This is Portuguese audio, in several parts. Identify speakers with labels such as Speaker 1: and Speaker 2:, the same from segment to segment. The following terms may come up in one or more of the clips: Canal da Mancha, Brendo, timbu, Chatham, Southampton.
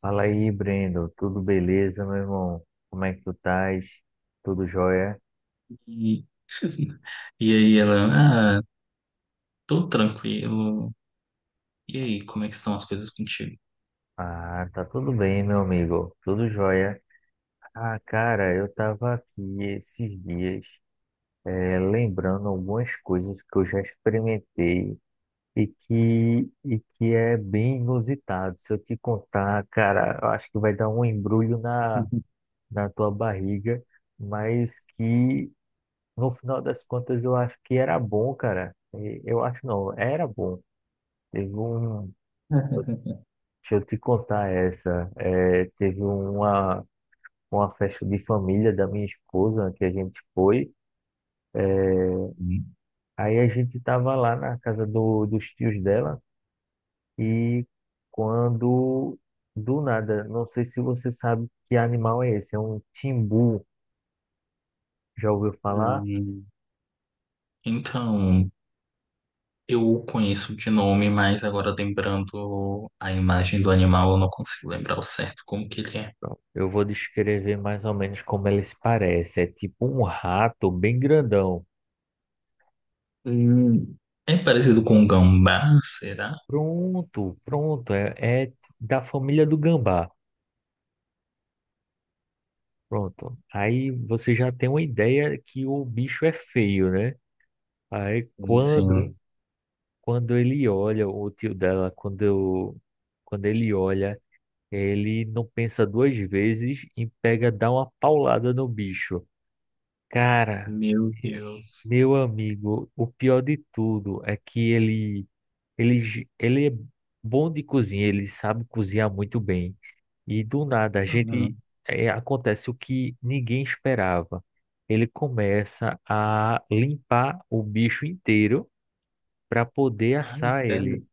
Speaker 1: Fala aí, Brendo. Tudo beleza, meu irmão? Como é que tu estás? Tudo jóia?
Speaker 2: E, e aí ela, tô tranquilo. E aí, como é que estão as coisas contigo?
Speaker 1: Ah, tá tudo bem, meu amigo. Tudo jóia. Ah, cara, eu tava aqui esses dias, lembrando algumas coisas que eu já experimentei e que é bem inusitado. Se eu te contar, cara, eu acho que vai dar um embrulho na tua barriga, mas que no final das contas eu acho que era bom, cara. Eu acho não, era bom. Teve um, deixa eu te contar essa. Uma festa de família da minha esposa que a gente foi. É, aí a gente estava lá na casa dos tios dela e quando do nada, não sei se você sabe que animal é esse, é um timbu. Já ouviu falar?
Speaker 2: Hum. Então, eu conheço de nome, mas agora lembrando a imagem do animal, eu não consigo lembrar o certo como que ele é.
Speaker 1: Pronto, eu vou descrever mais ou menos como ele se parece. É tipo um rato bem grandão.
Speaker 2: Hum, É parecido com um gambá, será?
Speaker 1: Pronto, pronto. É da família do gambá. Pronto. Aí você já tem uma ideia que o bicho é feio, né? Aí
Speaker 2: Sim,
Speaker 1: quando
Speaker 2: sim.
Speaker 1: quando ele olha o tio dela, quando ele olha, ele não pensa duas vezes e pega, dá uma paulada no bicho. Cara,
Speaker 2: Meu
Speaker 1: eh,
Speaker 2: Deus.
Speaker 1: meu amigo, o pior de tudo é que ele é bom de cozinha, ele sabe cozinhar muito bem. E do nada,
Speaker 2: Uhum.
Speaker 1: acontece o que ninguém esperava. Ele começa a limpar o bicho inteiro para poder
Speaker 2: Ai,
Speaker 1: assar
Speaker 2: velho.
Speaker 1: ele.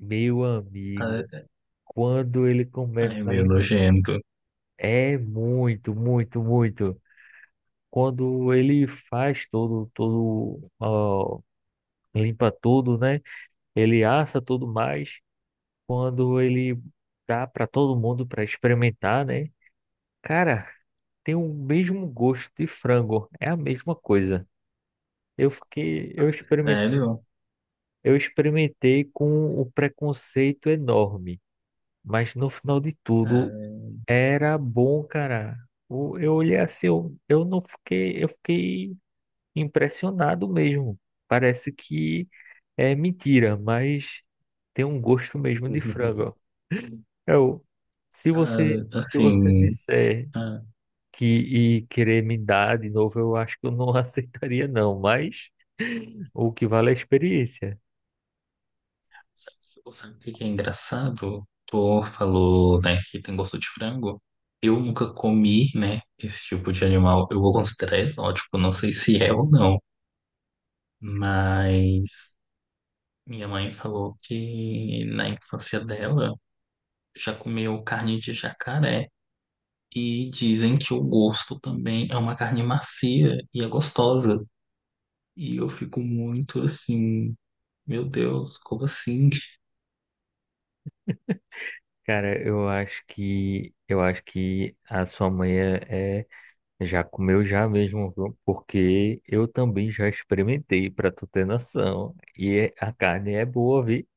Speaker 1: Meu amigo,
Speaker 2: Ai,
Speaker 1: quando ele começa
Speaker 2: ai,
Speaker 1: a
Speaker 2: meu
Speaker 1: limpar,
Speaker 2: nojento.
Speaker 1: é muito, muito, muito. Quando ele faz todo, todo, ó, limpa tudo, né? Ele assa tudo mais. Quando ele dá para todo mundo para experimentar, né? Cara, tem o mesmo gosto de frango, é a mesma coisa. Eu fiquei, eu experimentei,
Speaker 2: Sério?
Speaker 1: eu experimentei com um preconceito enorme, mas no final de tudo era bom, cara. Eu olhei assim, eu não fiquei, eu fiquei impressionado mesmo. Parece que é mentira, mas tem um gosto mesmo
Speaker 2: É.
Speaker 1: de frango. Eu,
Speaker 2: Ah,
Speaker 1: se você
Speaker 2: assim,
Speaker 1: disser
Speaker 2: ah,
Speaker 1: que e querer me dar de novo, eu acho que eu não aceitaria não, mas o que vale é a experiência.
Speaker 2: sabe, sabe o que que é engraçado? Tu falou, né, que tem gosto de frango. Eu nunca comi, né, esse tipo de animal. Eu vou considerar exótico, não sei se é ou não. Mas minha mãe falou que na infância dela já comeu carne de jacaré. E dizem que o gosto também é uma carne macia e é gostosa. E eu fico muito assim, meu Deus, como assim?
Speaker 1: Cara, eu acho que a sua mãe já comeu já mesmo, viu? Porque eu também já experimentei, para tu ter noção. E é, a carne é boa, vi?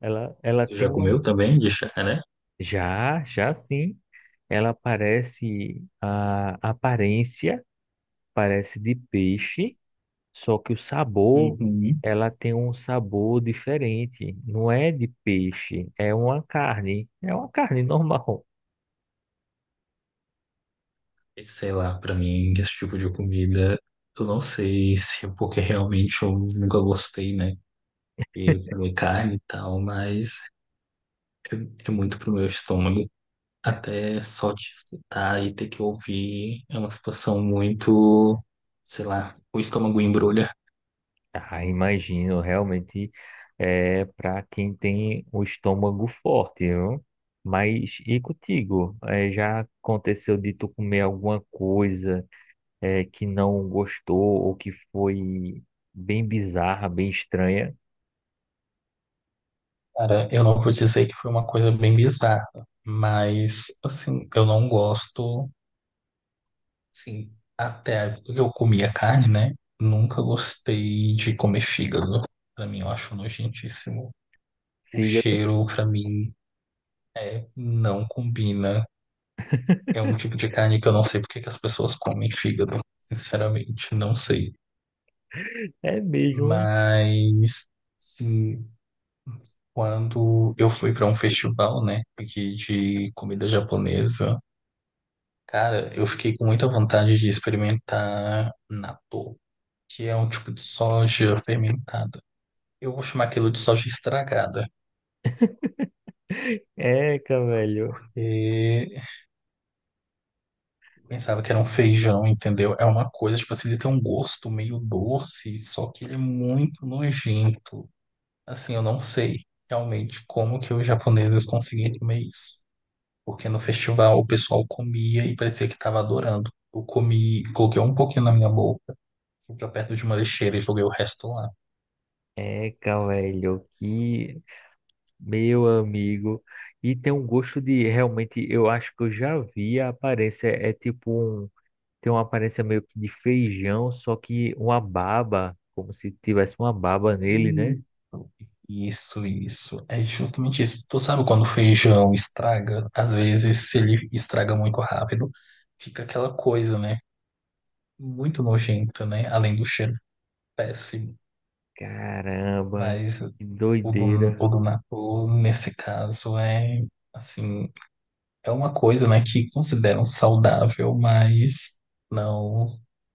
Speaker 1: Ela
Speaker 2: Tu
Speaker 1: tem
Speaker 2: já
Speaker 1: uma
Speaker 2: comeu também de chá?
Speaker 1: já, já sim. Ela parece a aparência parece de peixe. Só que o sabor,
Speaker 2: Uhum.
Speaker 1: ela tem um sabor diferente. Não é de peixe, é uma carne. É uma carne normal.
Speaker 2: E sei lá, pra mim, esse tipo de comida, eu não sei se é porque realmente eu nunca gostei, né? Eu comi carne e tal, mas é, é muito pro meu estômago. Até só te escutar e ter que ouvir é uma situação muito, sei lá, o estômago embrulha.
Speaker 1: Ah, imagino, realmente é para quem tem o estômago forte, viu? Mas e contigo? É, já aconteceu de tu comer alguma coisa é, que não gostou ou que foi bem bizarra, bem estranha?
Speaker 2: Cara, eu não vou dizer que foi uma coisa bem bizarra, mas, assim, eu não gosto. Sim, até a época que eu comia carne, né? Nunca gostei de comer fígado. Pra mim, eu acho nojentíssimo. O
Speaker 1: Fígado
Speaker 2: cheiro, pra mim, é, não combina. É um tipo de carne que eu não sei porque que as pessoas comem fígado. Sinceramente, não sei.
Speaker 1: é mesmo.
Speaker 2: Mas, sim, quando eu fui pra um festival, né, aqui de comida japonesa, cara, eu fiquei com muita vontade de experimentar natto, que é um tipo de soja fermentada. Eu vou chamar aquilo de soja estragada,
Speaker 1: É, cara.
Speaker 2: porque eu pensava que era um feijão, entendeu? É uma coisa, tipo assim, ele tem um gosto meio doce, só que ele é muito nojento. Assim, eu não sei realmente como que os japoneses conseguiam comer isso. Porque no festival o pessoal comia e parecia que estava adorando. Eu comi, coloquei um pouquinho na minha boca, fui pra perto de uma lixeira e joguei o resto lá.
Speaker 1: Eca, velho, que meu amigo. E tem um gosto de realmente, eu acho que eu já vi a aparência, é tipo um, tem uma aparência meio que de feijão, só que uma baba, como se tivesse uma baba nele, né?
Speaker 2: Isso, isso. É justamente isso. Tu sabe quando o feijão estraga? Às vezes, se ele estraga muito rápido, fica aquela coisa, né? Muito nojenta, né? Além do cheiro péssimo.
Speaker 1: Caramba,
Speaker 2: Mas
Speaker 1: que
Speaker 2: o do,
Speaker 1: doideira.
Speaker 2: o do natô, nesse caso, é assim, é uma coisa, né, que consideram saudável, mas não,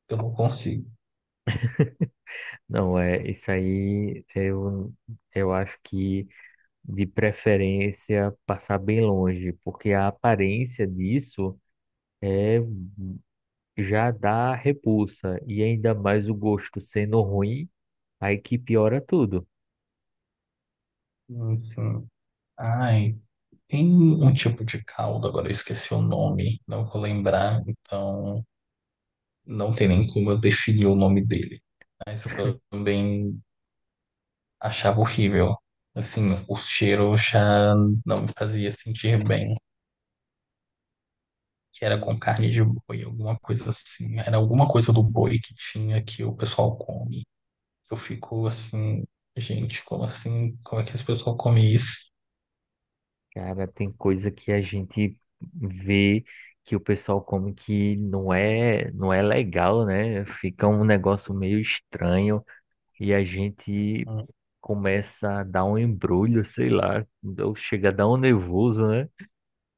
Speaker 2: eu não consigo.
Speaker 1: Não, é, isso aí eu acho que de preferência passar bem longe, porque a aparência disso é já dá repulsa. E ainda mais o gosto sendo ruim, aí que piora tudo.
Speaker 2: Sim. Ai, tem um tipo de caldo, agora eu esqueci o nome, não vou lembrar, então. Não tem nem como eu definir o nome dele. Mas eu também achava horrível. Assim, o cheiro já não me fazia sentir bem. Que
Speaker 1: E,
Speaker 2: era com carne de boi, alguma coisa assim. Era alguma coisa do boi que tinha que o pessoal come. Eu fico assim, gente, como assim? Como é que as pessoas comem isso?
Speaker 1: cara, tem coisa que a gente vê que o pessoal come que não é legal, né? Fica um negócio meio estranho e a gente
Speaker 2: Hum.
Speaker 1: começa a dar um embrulho, sei lá, ou chega a dar um nervoso, né?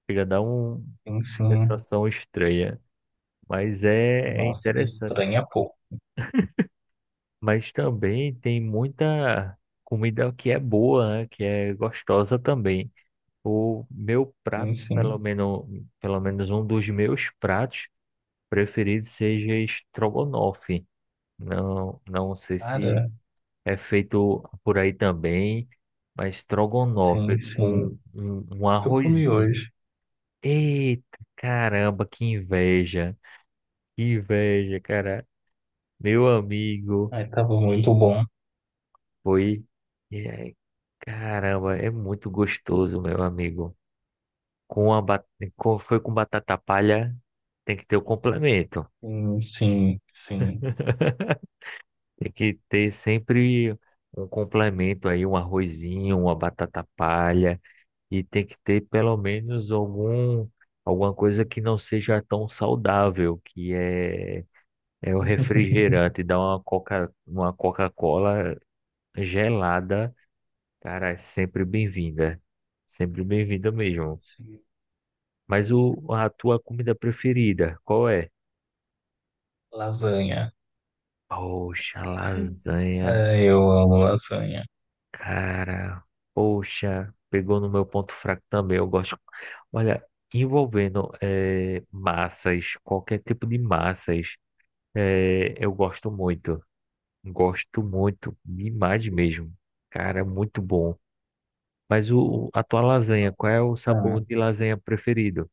Speaker 1: Chega a dar uma
Speaker 2: Sim, sim.
Speaker 1: sensação estranha. É
Speaker 2: Nossa,
Speaker 1: interessante.
Speaker 2: estranha pouco.
Speaker 1: Mas também tem muita comida que é boa, né? Que é gostosa também. O meu prato,
Speaker 2: Sim, sim.
Speaker 1: pelo menos um dos meus pratos preferidos seja estrogonofe. Não sei se
Speaker 2: Cara,
Speaker 1: é feito por aí também, mas
Speaker 2: sim,
Speaker 1: estrogonofe
Speaker 2: sim.
Speaker 1: com um
Speaker 2: Eu comi
Speaker 1: arrozinho.
Speaker 2: hoje.
Speaker 1: Eita, caramba, que inveja! Que inveja, cara. Meu amigo.
Speaker 2: Ai, tava muito bom.
Speaker 1: Foi. E aí, caramba, é muito gostoso, meu amigo. Com a ba- com- foi com batata palha, tem que ter o complemento.
Speaker 2: Sim, sim, sim.
Speaker 1: Tem que ter sempre um complemento aí, um arrozinho, uma batata palha. E tem que ter pelo menos alguma coisa que não seja tão saudável, é o refrigerante, dar uma coca, uma Coca-Cola gelada. Cara, é sempre bem-vinda. Sempre bem-vinda mesmo.
Speaker 2: Sim,
Speaker 1: Mas o, a tua comida preferida, qual é?
Speaker 2: lasanha.
Speaker 1: Poxa, lasanha,
Speaker 2: É, eu amo lasanha.
Speaker 1: cara. Poxa, pegou no meu ponto fraco também. Eu gosto. Olha, envolvendo massas, qualquer tipo de massas, eu gosto muito. Gosto muito, demais mesmo. Cara, muito bom. A tua lasanha, qual é o
Speaker 2: Ah,
Speaker 1: sabor de lasanha preferido?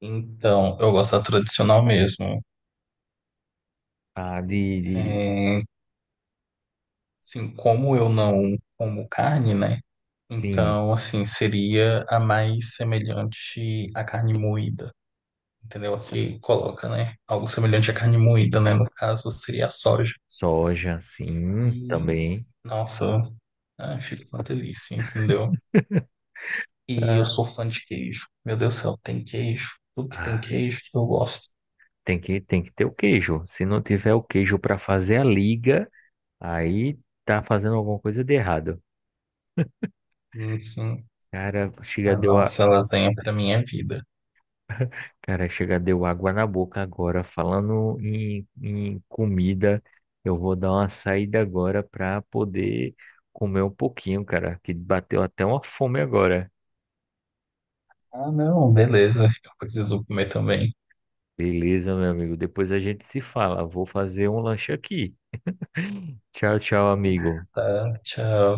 Speaker 2: então, eu gosto da tradicional mesmo.
Speaker 1: Ah, de...
Speaker 2: É, assim, como eu não como carne, né?
Speaker 1: Sim,
Speaker 2: Então, assim, seria a mais semelhante à carne moída, entendeu? Que coloca, né? Algo semelhante à carne moída, né? No caso, seria a soja.
Speaker 1: soja, sim,
Speaker 2: E,
Speaker 1: também.
Speaker 2: nossa, ah, fica uma delícia, entendeu? E eu sou fã de queijo. Meu Deus do céu, tem queijo. Tudo que tem
Speaker 1: Ah,
Speaker 2: queijo, eu gosto.
Speaker 1: tem que ter o queijo. Se não tiver o queijo para fazer a liga, aí tá fazendo alguma coisa de errado.
Speaker 2: Enfim,
Speaker 1: Cara, chega
Speaker 2: a
Speaker 1: deu a...
Speaker 2: nossa lasanha pra minha vida.
Speaker 1: Cara, chega deu água na boca agora. Falando em comida, eu vou dar uma saída agora para poder comer um pouquinho, cara, que bateu até uma fome agora.
Speaker 2: Ah, não, beleza. Eu preciso comer também.
Speaker 1: Beleza, meu amigo. Depois a gente se fala. Vou fazer um lanche aqui. Tchau, tchau, amigo.
Speaker 2: Tá, tchau.